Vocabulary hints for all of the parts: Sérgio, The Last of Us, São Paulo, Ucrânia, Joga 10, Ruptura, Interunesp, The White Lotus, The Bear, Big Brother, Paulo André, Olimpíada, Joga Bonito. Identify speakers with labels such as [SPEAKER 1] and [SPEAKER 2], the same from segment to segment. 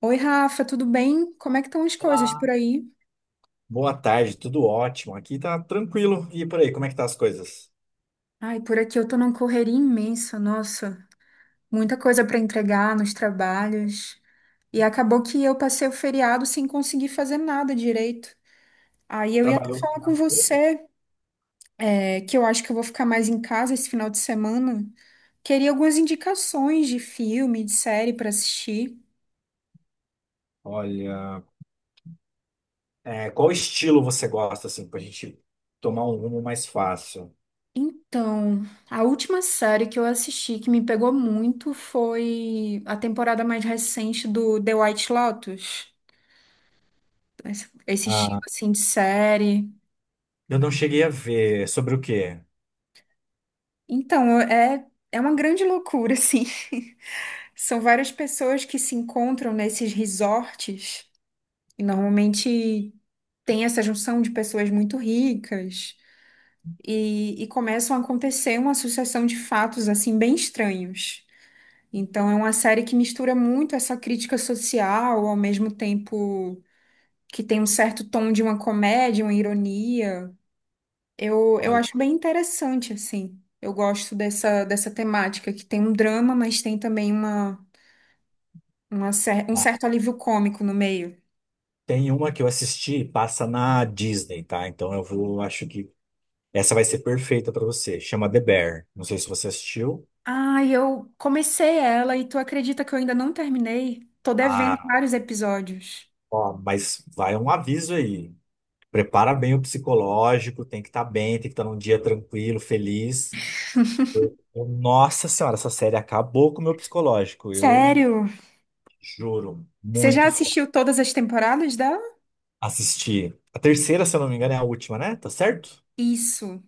[SPEAKER 1] Oi, Rafa, tudo bem? Como é que estão as coisas por
[SPEAKER 2] Olá,
[SPEAKER 1] aí?
[SPEAKER 2] boa tarde, tudo ótimo. Aqui tá tranquilo. E por aí, como é que tá as coisas?
[SPEAKER 1] Ai, por aqui eu tô numa correria imensa, nossa, muita coisa para entregar nos trabalhos. E acabou que eu passei o feriado sem conseguir fazer nada direito. Aí eu ia até
[SPEAKER 2] Trabalhou?
[SPEAKER 1] falar com você, que eu acho que eu vou ficar mais em casa esse final de semana. Queria algumas indicações de filme, de série para assistir.
[SPEAKER 2] Olha, é, qual estilo você gosta, assim, pra gente tomar um rumo mais fácil?
[SPEAKER 1] Então, a última série que eu assisti que me pegou muito foi a temporada mais recente do The White Lotus. Esse estilo
[SPEAKER 2] Ah,
[SPEAKER 1] assim de série.
[SPEAKER 2] eu não cheguei a ver. Sobre o quê?
[SPEAKER 1] Então, é uma grande loucura assim. São várias pessoas que se encontram nesses resorts e normalmente tem essa junção de pessoas muito ricas e começam a acontecer uma sucessão de fatos assim bem estranhos. Então é uma série que mistura muito essa crítica social, ao mesmo tempo que tem um certo tom de uma comédia, uma ironia. Eu
[SPEAKER 2] Olha,
[SPEAKER 1] acho bem interessante, assim. Eu gosto dessa temática, que tem um drama, mas tem também uma, um certo
[SPEAKER 2] ah,
[SPEAKER 1] alívio cômico no meio.
[SPEAKER 2] tem uma que eu assisti, passa na Disney, tá? Então eu vou, acho que essa vai ser perfeita pra você. Chama The Bear. Não sei se você assistiu.
[SPEAKER 1] Ah, eu comecei ela e tu acredita que eu ainda não terminei? Tô devendo
[SPEAKER 2] Ah,
[SPEAKER 1] vários episódios.
[SPEAKER 2] ó, mas vai um aviso aí. Prepara bem o psicológico, tem que estar bem, tem que estar num dia tranquilo, feliz. Nossa Senhora, essa série acabou com o meu psicológico, eu
[SPEAKER 1] Sério?
[SPEAKER 2] juro,
[SPEAKER 1] Você já
[SPEAKER 2] muito foda.
[SPEAKER 1] assistiu todas as temporadas dela?
[SPEAKER 2] Assisti a terceira, se eu não me engano, é a última, né? Tá certo?
[SPEAKER 1] Isso.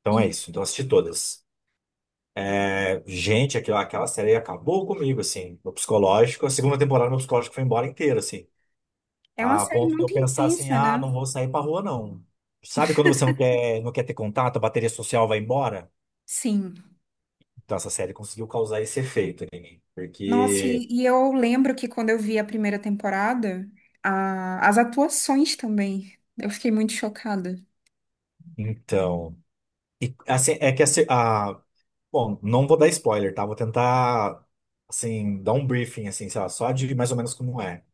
[SPEAKER 2] Então é
[SPEAKER 1] E
[SPEAKER 2] isso, então assisti todas. É, gente, aquela série acabou comigo, assim, meu psicológico. A segunda temporada, meu psicológico foi embora inteiro, assim,
[SPEAKER 1] é uma
[SPEAKER 2] a
[SPEAKER 1] série
[SPEAKER 2] ponto de eu
[SPEAKER 1] muito
[SPEAKER 2] pensar assim:
[SPEAKER 1] intensa,
[SPEAKER 2] ah,
[SPEAKER 1] né?
[SPEAKER 2] não vou sair pra rua, não. Sabe quando você não quer, não quer ter contato, a bateria social vai embora?
[SPEAKER 1] Sim.
[SPEAKER 2] Então, essa série conseguiu causar esse efeito em mim.
[SPEAKER 1] Nossa,
[SPEAKER 2] Porque,
[SPEAKER 1] eu lembro que quando eu vi a primeira temporada, as atuações também, eu fiquei muito chocada.
[SPEAKER 2] então. E, assim, é que a, se- a- Bom, não vou dar spoiler, tá? Vou tentar, assim, dar um briefing, assim, sei lá, só de mais ou menos como é.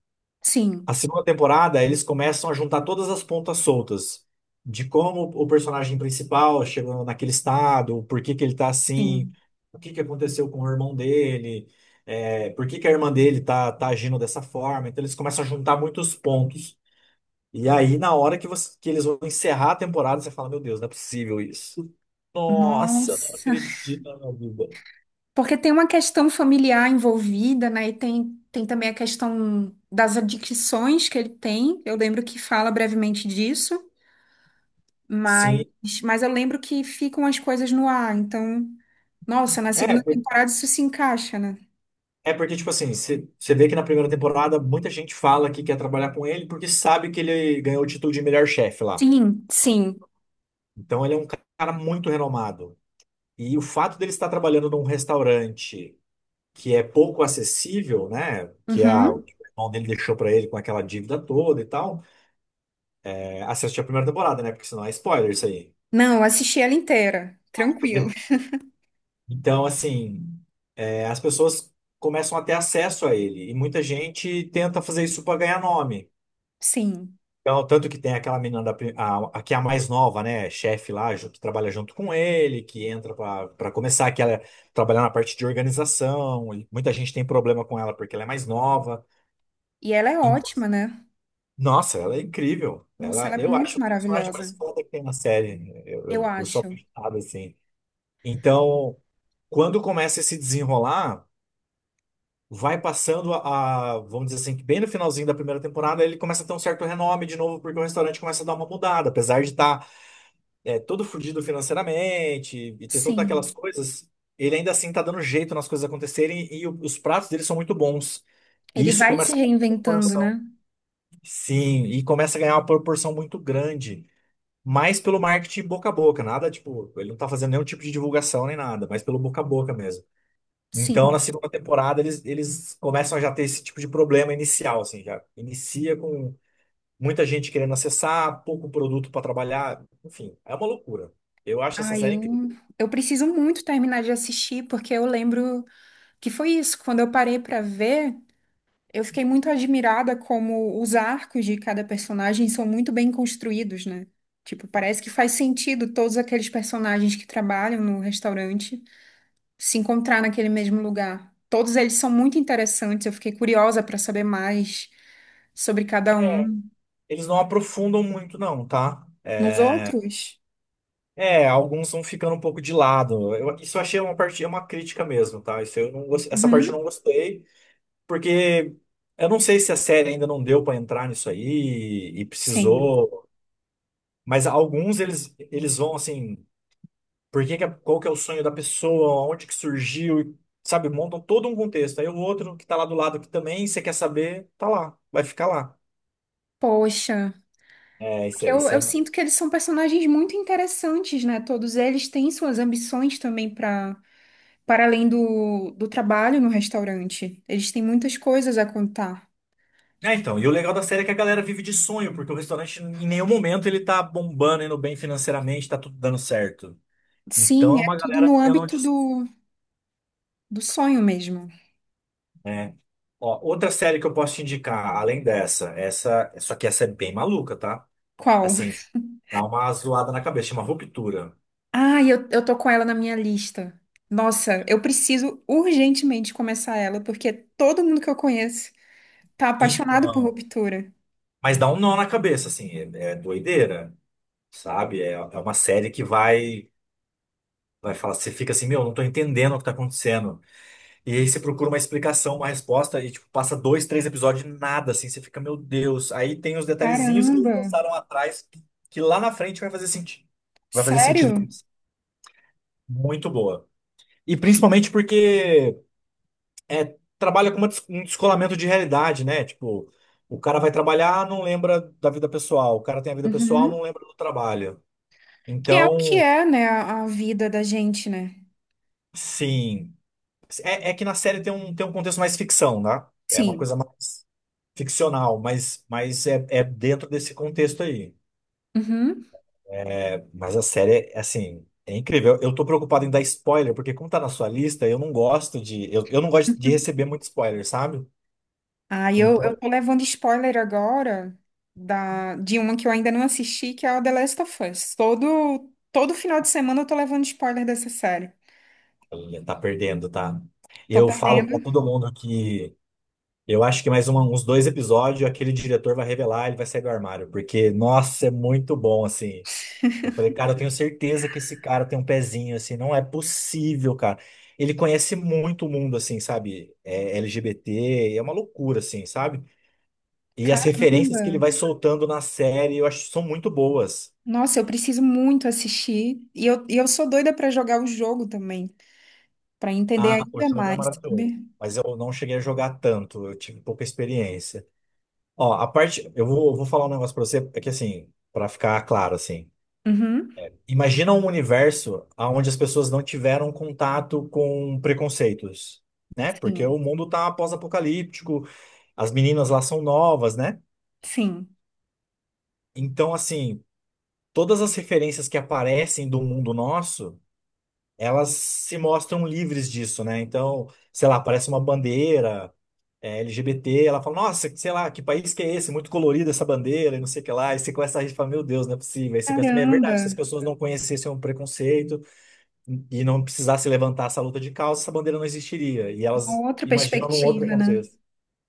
[SPEAKER 1] Sim,
[SPEAKER 2] A segunda temporada, eles começam a juntar todas as pontas soltas de como o personagem principal chegou naquele estado, por que que ele tá assim,
[SPEAKER 1] sim.
[SPEAKER 2] o que que aconteceu com o irmão dele, é, por que que a irmã dele tá, tá agindo dessa forma. Então, eles começam a juntar muitos pontos. E aí, na hora que, que eles vão encerrar a temporada, você fala: Meu Deus, não é possível isso. Nossa, eu não
[SPEAKER 1] Nossa.
[SPEAKER 2] acredito na minha vida.
[SPEAKER 1] Porque tem uma questão familiar envolvida, né? E tem, tem também a questão das adicções que ele tem. Eu lembro que fala brevemente disso, mas,
[SPEAKER 2] Sim.
[SPEAKER 1] mas eu lembro que ficam as coisas no ar. Então, nossa, na
[SPEAKER 2] É,
[SPEAKER 1] segunda
[SPEAKER 2] por-
[SPEAKER 1] temporada isso se encaixa, né?
[SPEAKER 2] é porque, tipo assim, você vê que na primeira temporada muita gente fala que quer trabalhar com ele porque sabe que ele ganhou o título de melhor chefe lá.
[SPEAKER 1] Sim, sim.
[SPEAKER 2] Então ele é um cara muito renomado. E o fato dele estar trabalhando num restaurante que é pouco acessível, né? O
[SPEAKER 1] Uhum.
[SPEAKER 2] irmão dele deixou pra ele com aquela dívida toda e tal. É, assiste a primeira temporada, né? Porque senão é spoiler isso aí.
[SPEAKER 1] Não, eu assisti ela inteira, tranquilo.
[SPEAKER 2] Então, assim, é, as pessoas começam a ter acesso a ele. E muita gente tenta fazer isso para ganhar nome.
[SPEAKER 1] Sim.
[SPEAKER 2] Então, tanto que tem aquela menina da, pri- a, que é a mais nova, né? Chefe lá, que trabalha junto com ele, que entra para começar, que ela trabalha na parte de organização. E muita gente tem problema com ela porque ela é mais nova.
[SPEAKER 1] E ela é
[SPEAKER 2] Então,
[SPEAKER 1] ótima, né?
[SPEAKER 2] nossa, ela é incrível.
[SPEAKER 1] Nossa, ela
[SPEAKER 2] Ela,
[SPEAKER 1] é
[SPEAKER 2] eu
[SPEAKER 1] muito
[SPEAKER 2] acho o personagem mais
[SPEAKER 1] maravilhosa.
[SPEAKER 2] foda que tem na série. Eu,
[SPEAKER 1] Eu
[SPEAKER 2] eu, eu sou
[SPEAKER 1] acho.
[SPEAKER 2] apaixonado, assim. Então, quando começa a se desenrolar. Vai passando vamos dizer assim, que bem no finalzinho da primeira temporada, ele começa a ter um certo renome de novo, porque o restaurante começa a dar uma mudada, apesar de estar todo fudido financeiramente e ter todas aquelas
[SPEAKER 1] Sim.
[SPEAKER 2] coisas, ele ainda assim tá dando jeito nas coisas acontecerem e os pratos dele são muito bons. E
[SPEAKER 1] Ele
[SPEAKER 2] isso
[SPEAKER 1] vai se
[SPEAKER 2] começa a ganhar uma
[SPEAKER 1] reinventando,
[SPEAKER 2] proporção.
[SPEAKER 1] né?
[SPEAKER 2] Sim, e começa a ganhar uma proporção muito grande. Mas pelo marketing boca a boca, nada tipo, ele não tá fazendo nenhum tipo de divulgação nem nada, mas pelo boca a boca mesmo. Então, na
[SPEAKER 1] Sim.
[SPEAKER 2] segunda temporada, eles começam a já ter esse tipo de problema inicial, assim, já inicia com muita gente querendo acessar, pouco produto para trabalhar, enfim, é uma loucura. Eu acho essa
[SPEAKER 1] Ah,
[SPEAKER 2] série
[SPEAKER 1] eu
[SPEAKER 2] incrível.
[SPEAKER 1] eu preciso muito terminar de assistir porque eu lembro que foi isso, quando eu parei pra ver, eu fiquei muito admirada como os arcos de cada personagem são muito bem construídos, né? Tipo, parece que faz sentido todos aqueles personagens que trabalham no restaurante. Se encontrar naquele mesmo lugar. Todos eles são muito interessantes, eu fiquei curiosa para saber mais sobre cada um.
[SPEAKER 2] Eles não aprofundam muito, não, tá?
[SPEAKER 1] Nos outros?
[SPEAKER 2] É, alguns vão ficando um pouco de lado. Isso eu achei uma parte, é uma crítica mesmo, tá? Isso eu não, gos- essa parte eu não
[SPEAKER 1] Uhum,
[SPEAKER 2] gostei, porque eu não sei se a série ainda não deu para entrar nisso aí e
[SPEAKER 1] sim.
[SPEAKER 2] precisou, mas alguns eles vão assim. Por que que é- qual que é o sonho da pessoa, onde que surgiu, e, sabe? Montam todo um contexto. Aí o outro que tá lá do lado que também você quer saber, tá lá, vai ficar lá.
[SPEAKER 1] Poxa,
[SPEAKER 2] É, isso é,
[SPEAKER 1] porque eu,
[SPEAKER 2] isso
[SPEAKER 1] eu
[SPEAKER 2] é...
[SPEAKER 1] sinto que eles são personagens muito interessantes, né? Todos eles têm suas ambições também para para além do trabalho no restaurante. Eles têm muitas coisas a contar.
[SPEAKER 2] É, então, e o legal da série é que a galera vive de sonho, porque o restaurante em nenhum momento ele tá bombando, indo bem financeiramente, tá tudo dando certo. Então
[SPEAKER 1] Sim,
[SPEAKER 2] é
[SPEAKER 1] é
[SPEAKER 2] uma
[SPEAKER 1] tudo
[SPEAKER 2] galera
[SPEAKER 1] no
[SPEAKER 2] vivendo onde.
[SPEAKER 1] âmbito do, do sonho mesmo.
[SPEAKER 2] É. Ó, outra série que eu posso te indicar, além dessa, essa, só que essa é bem maluca, tá?
[SPEAKER 1] Qual?
[SPEAKER 2] Assim, dá uma zoada na cabeça, chama Ruptura.
[SPEAKER 1] Ah, eu tô com ela na minha lista. Nossa, eu preciso urgentemente começar ela, porque todo mundo que eu conheço tá apaixonado por
[SPEAKER 2] Então.
[SPEAKER 1] Ruptura.
[SPEAKER 2] Mas dá um nó na cabeça, assim, é, é doideira, sabe? É, é uma série que vai, vai falar, você fica assim, meu, não tô entendendo o que tá acontecendo. E aí você procura uma explicação, uma resposta, e tipo, passa dois, três episódios e nada, assim, você fica, meu Deus. Aí tem os detalhezinhos que eles
[SPEAKER 1] Caramba,
[SPEAKER 2] lançaram atrás, que lá na frente vai fazer sentido. Vai fazer sentido.
[SPEAKER 1] sério?
[SPEAKER 2] Muito boa. E principalmente porque é, trabalha com um descolamento de realidade, né? Tipo, o cara vai trabalhar, não lembra da vida pessoal. O cara tem a vida pessoal,
[SPEAKER 1] Uhum.
[SPEAKER 2] não lembra do trabalho.
[SPEAKER 1] Que é o que
[SPEAKER 2] Então,
[SPEAKER 1] é, né, a vida da gente, né?
[SPEAKER 2] sim. É, é que na série tem um contexto mais ficção, né? É uma
[SPEAKER 1] Sim.
[SPEAKER 2] coisa mais ficcional, mas é, é dentro desse contexto aí.
[SPEAKER 1] Uhum.
[SPEAKER 2] É, mas a série, é, assim, é incrível. Eu tô preocupado em dar spoiler, porque como tá na sua lista, eu não gosto de. Eu não gosto de receber muito spoiler, sabe?
[SPEAKER 1] Ah, e eu,
[SPEAKER 2] Então,
[SPEAKER 1] eu tô levando spoiler agora da, de uma que eu ainda não assisti, que é a The Last of Us. Todo, todo final de semana eu tô levando spoiler dessa série.
[SPEAKER 2] olha, tá perdendo, tá?
[SPEAKER 1] Tô
[SPEAKER 2] Eu falo pra
[SPEAKER 1] perdendo.
[SPEAKER 2] todo mundo que eu acho que mais um uns dois episódios aquele diretor vai revelar, ele vai sair do armário, porque, nossa, é muito bom, assim. Eu falei, cara, eu tenho certeza que esse cara tem um pezinho, assim, não é possível, cara. Ele conhece muito o mundo, assim, sabe? É LGBT, é uma loucura, assim, sabe? E as referências que ele
[SPEAKER 1] Caramba.
[SPEAKER 2] vai soltando na série, eu acho que são muito boas.
[SPEAKER 1] Nossa, eu preciso muito assistir. E eu sou doida pra jogar o jogo também, pra entender
[SPEAKER 2] Ah, o
[SPEAKER 1] ainda
[SPEAKER 2] jogo é
[SPEAKER 1] mais,
[SPEAKER 2] maravilhoso,
[SPEAKER 1] sabe?
[SPEAKER 2] mas eu não cheguei a jogar tanto, eu tive pouca experiência. Ó, a parte, eu vou, vou falar um negócio pra você, é que assim, pra ficar claro, assim,
[SPEAKER 1] Uhum.
[SPEAKER 2] imagina um universo onde as pessoas não tiveram contato com preconceitos, né? Porque o
[SPEAKER 1] Sim,
[SPEAKER 2] mundo tá pós-apocalíptico, as meninas lá são novas, né?
[SPEAKER 1] sim.
[SPEAKER 2] Então, assim, todas as referências que aparecem do mundo nosso, elas se mostram livres disso, né? Então, sei lá, aparece uma bandeira é, LGBT, ela fala, nossa, sei lá, que país que é esse? Muito colorida essa bandeira, e não sei o que lá. E você começa a rir e fala, meu Deus, não é possível. Aí você pensa, "Mas é
[SPEAKER 1] Caramba,
[SPEAKER 2] verdade, se as pessoas não conhecessem o preconceito, e não precisasse levantar essa luta de causa, essa bandeira não existiria. E elas
[SPEAKER 1] uma outra
[SPEAKER 2] imaginam num outro
[SPEAKER 1] perspectiva, né?
[SPEAKER 2] contexto.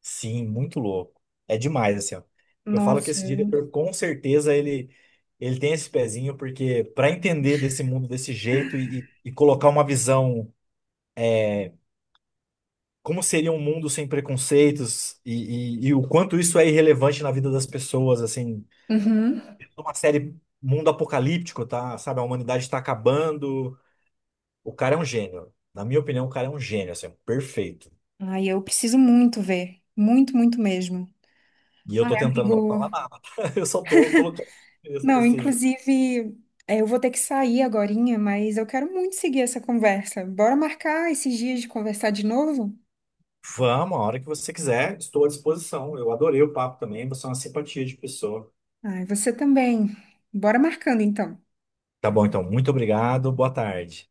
[SPEAKER 2] Sim, muito louco. É demais, assim, ó. Eu falo que
[SPEAKER 1] Nossa.
[SPEAKER 2] esse
[SPEAKER 1] Eu-
[SPEAKER 2] diretor, com certeza, ele tem esse pezinho, porque para entender desse mundo desse jeito e colocar uma visão, como seria um mundo sem preconceitos e o quanto isso é irrelevante na vida das pessoas, assim,
[SPEAKER 1] Uhum.
[SPEAKER 2] uma série mundo apocalíptico, tá? Sabe, a humanidade está acabando. O cara é um gênio. Na minha opinião, o cara é um gênio, assim, perfeito.
[SPEAKER 1] Ai, eu preciso muito ver. Muito, muito mesmo.
[SPEAKER 2] E eu
[SPEAKER 1] Ai,
[SPEAKER 2] tô tentando não
[SPEAKER 1] amigo.
[SPEAKER 2] falar nada. Eu só tô colocando texto
[SPEAKER 1] Não,
[SPEAKER 2] assim.
[SPEAKER 1] inclusive, eu vou ter que sair agorinha, mas eu quero muito seguir essa conversa. Bora marcar esses dias de conversar de novo?
[SPEAKER 2] Vamos, a hora que você quiser, estou à disposição. Eu adorei o papo também, você é uma simpatia de pessoa.
[SPEAKER 1] Ai, você também. Bora marcando então.
[SPEAKER 2] Tá bom, então, muito obrigado, boa tarde.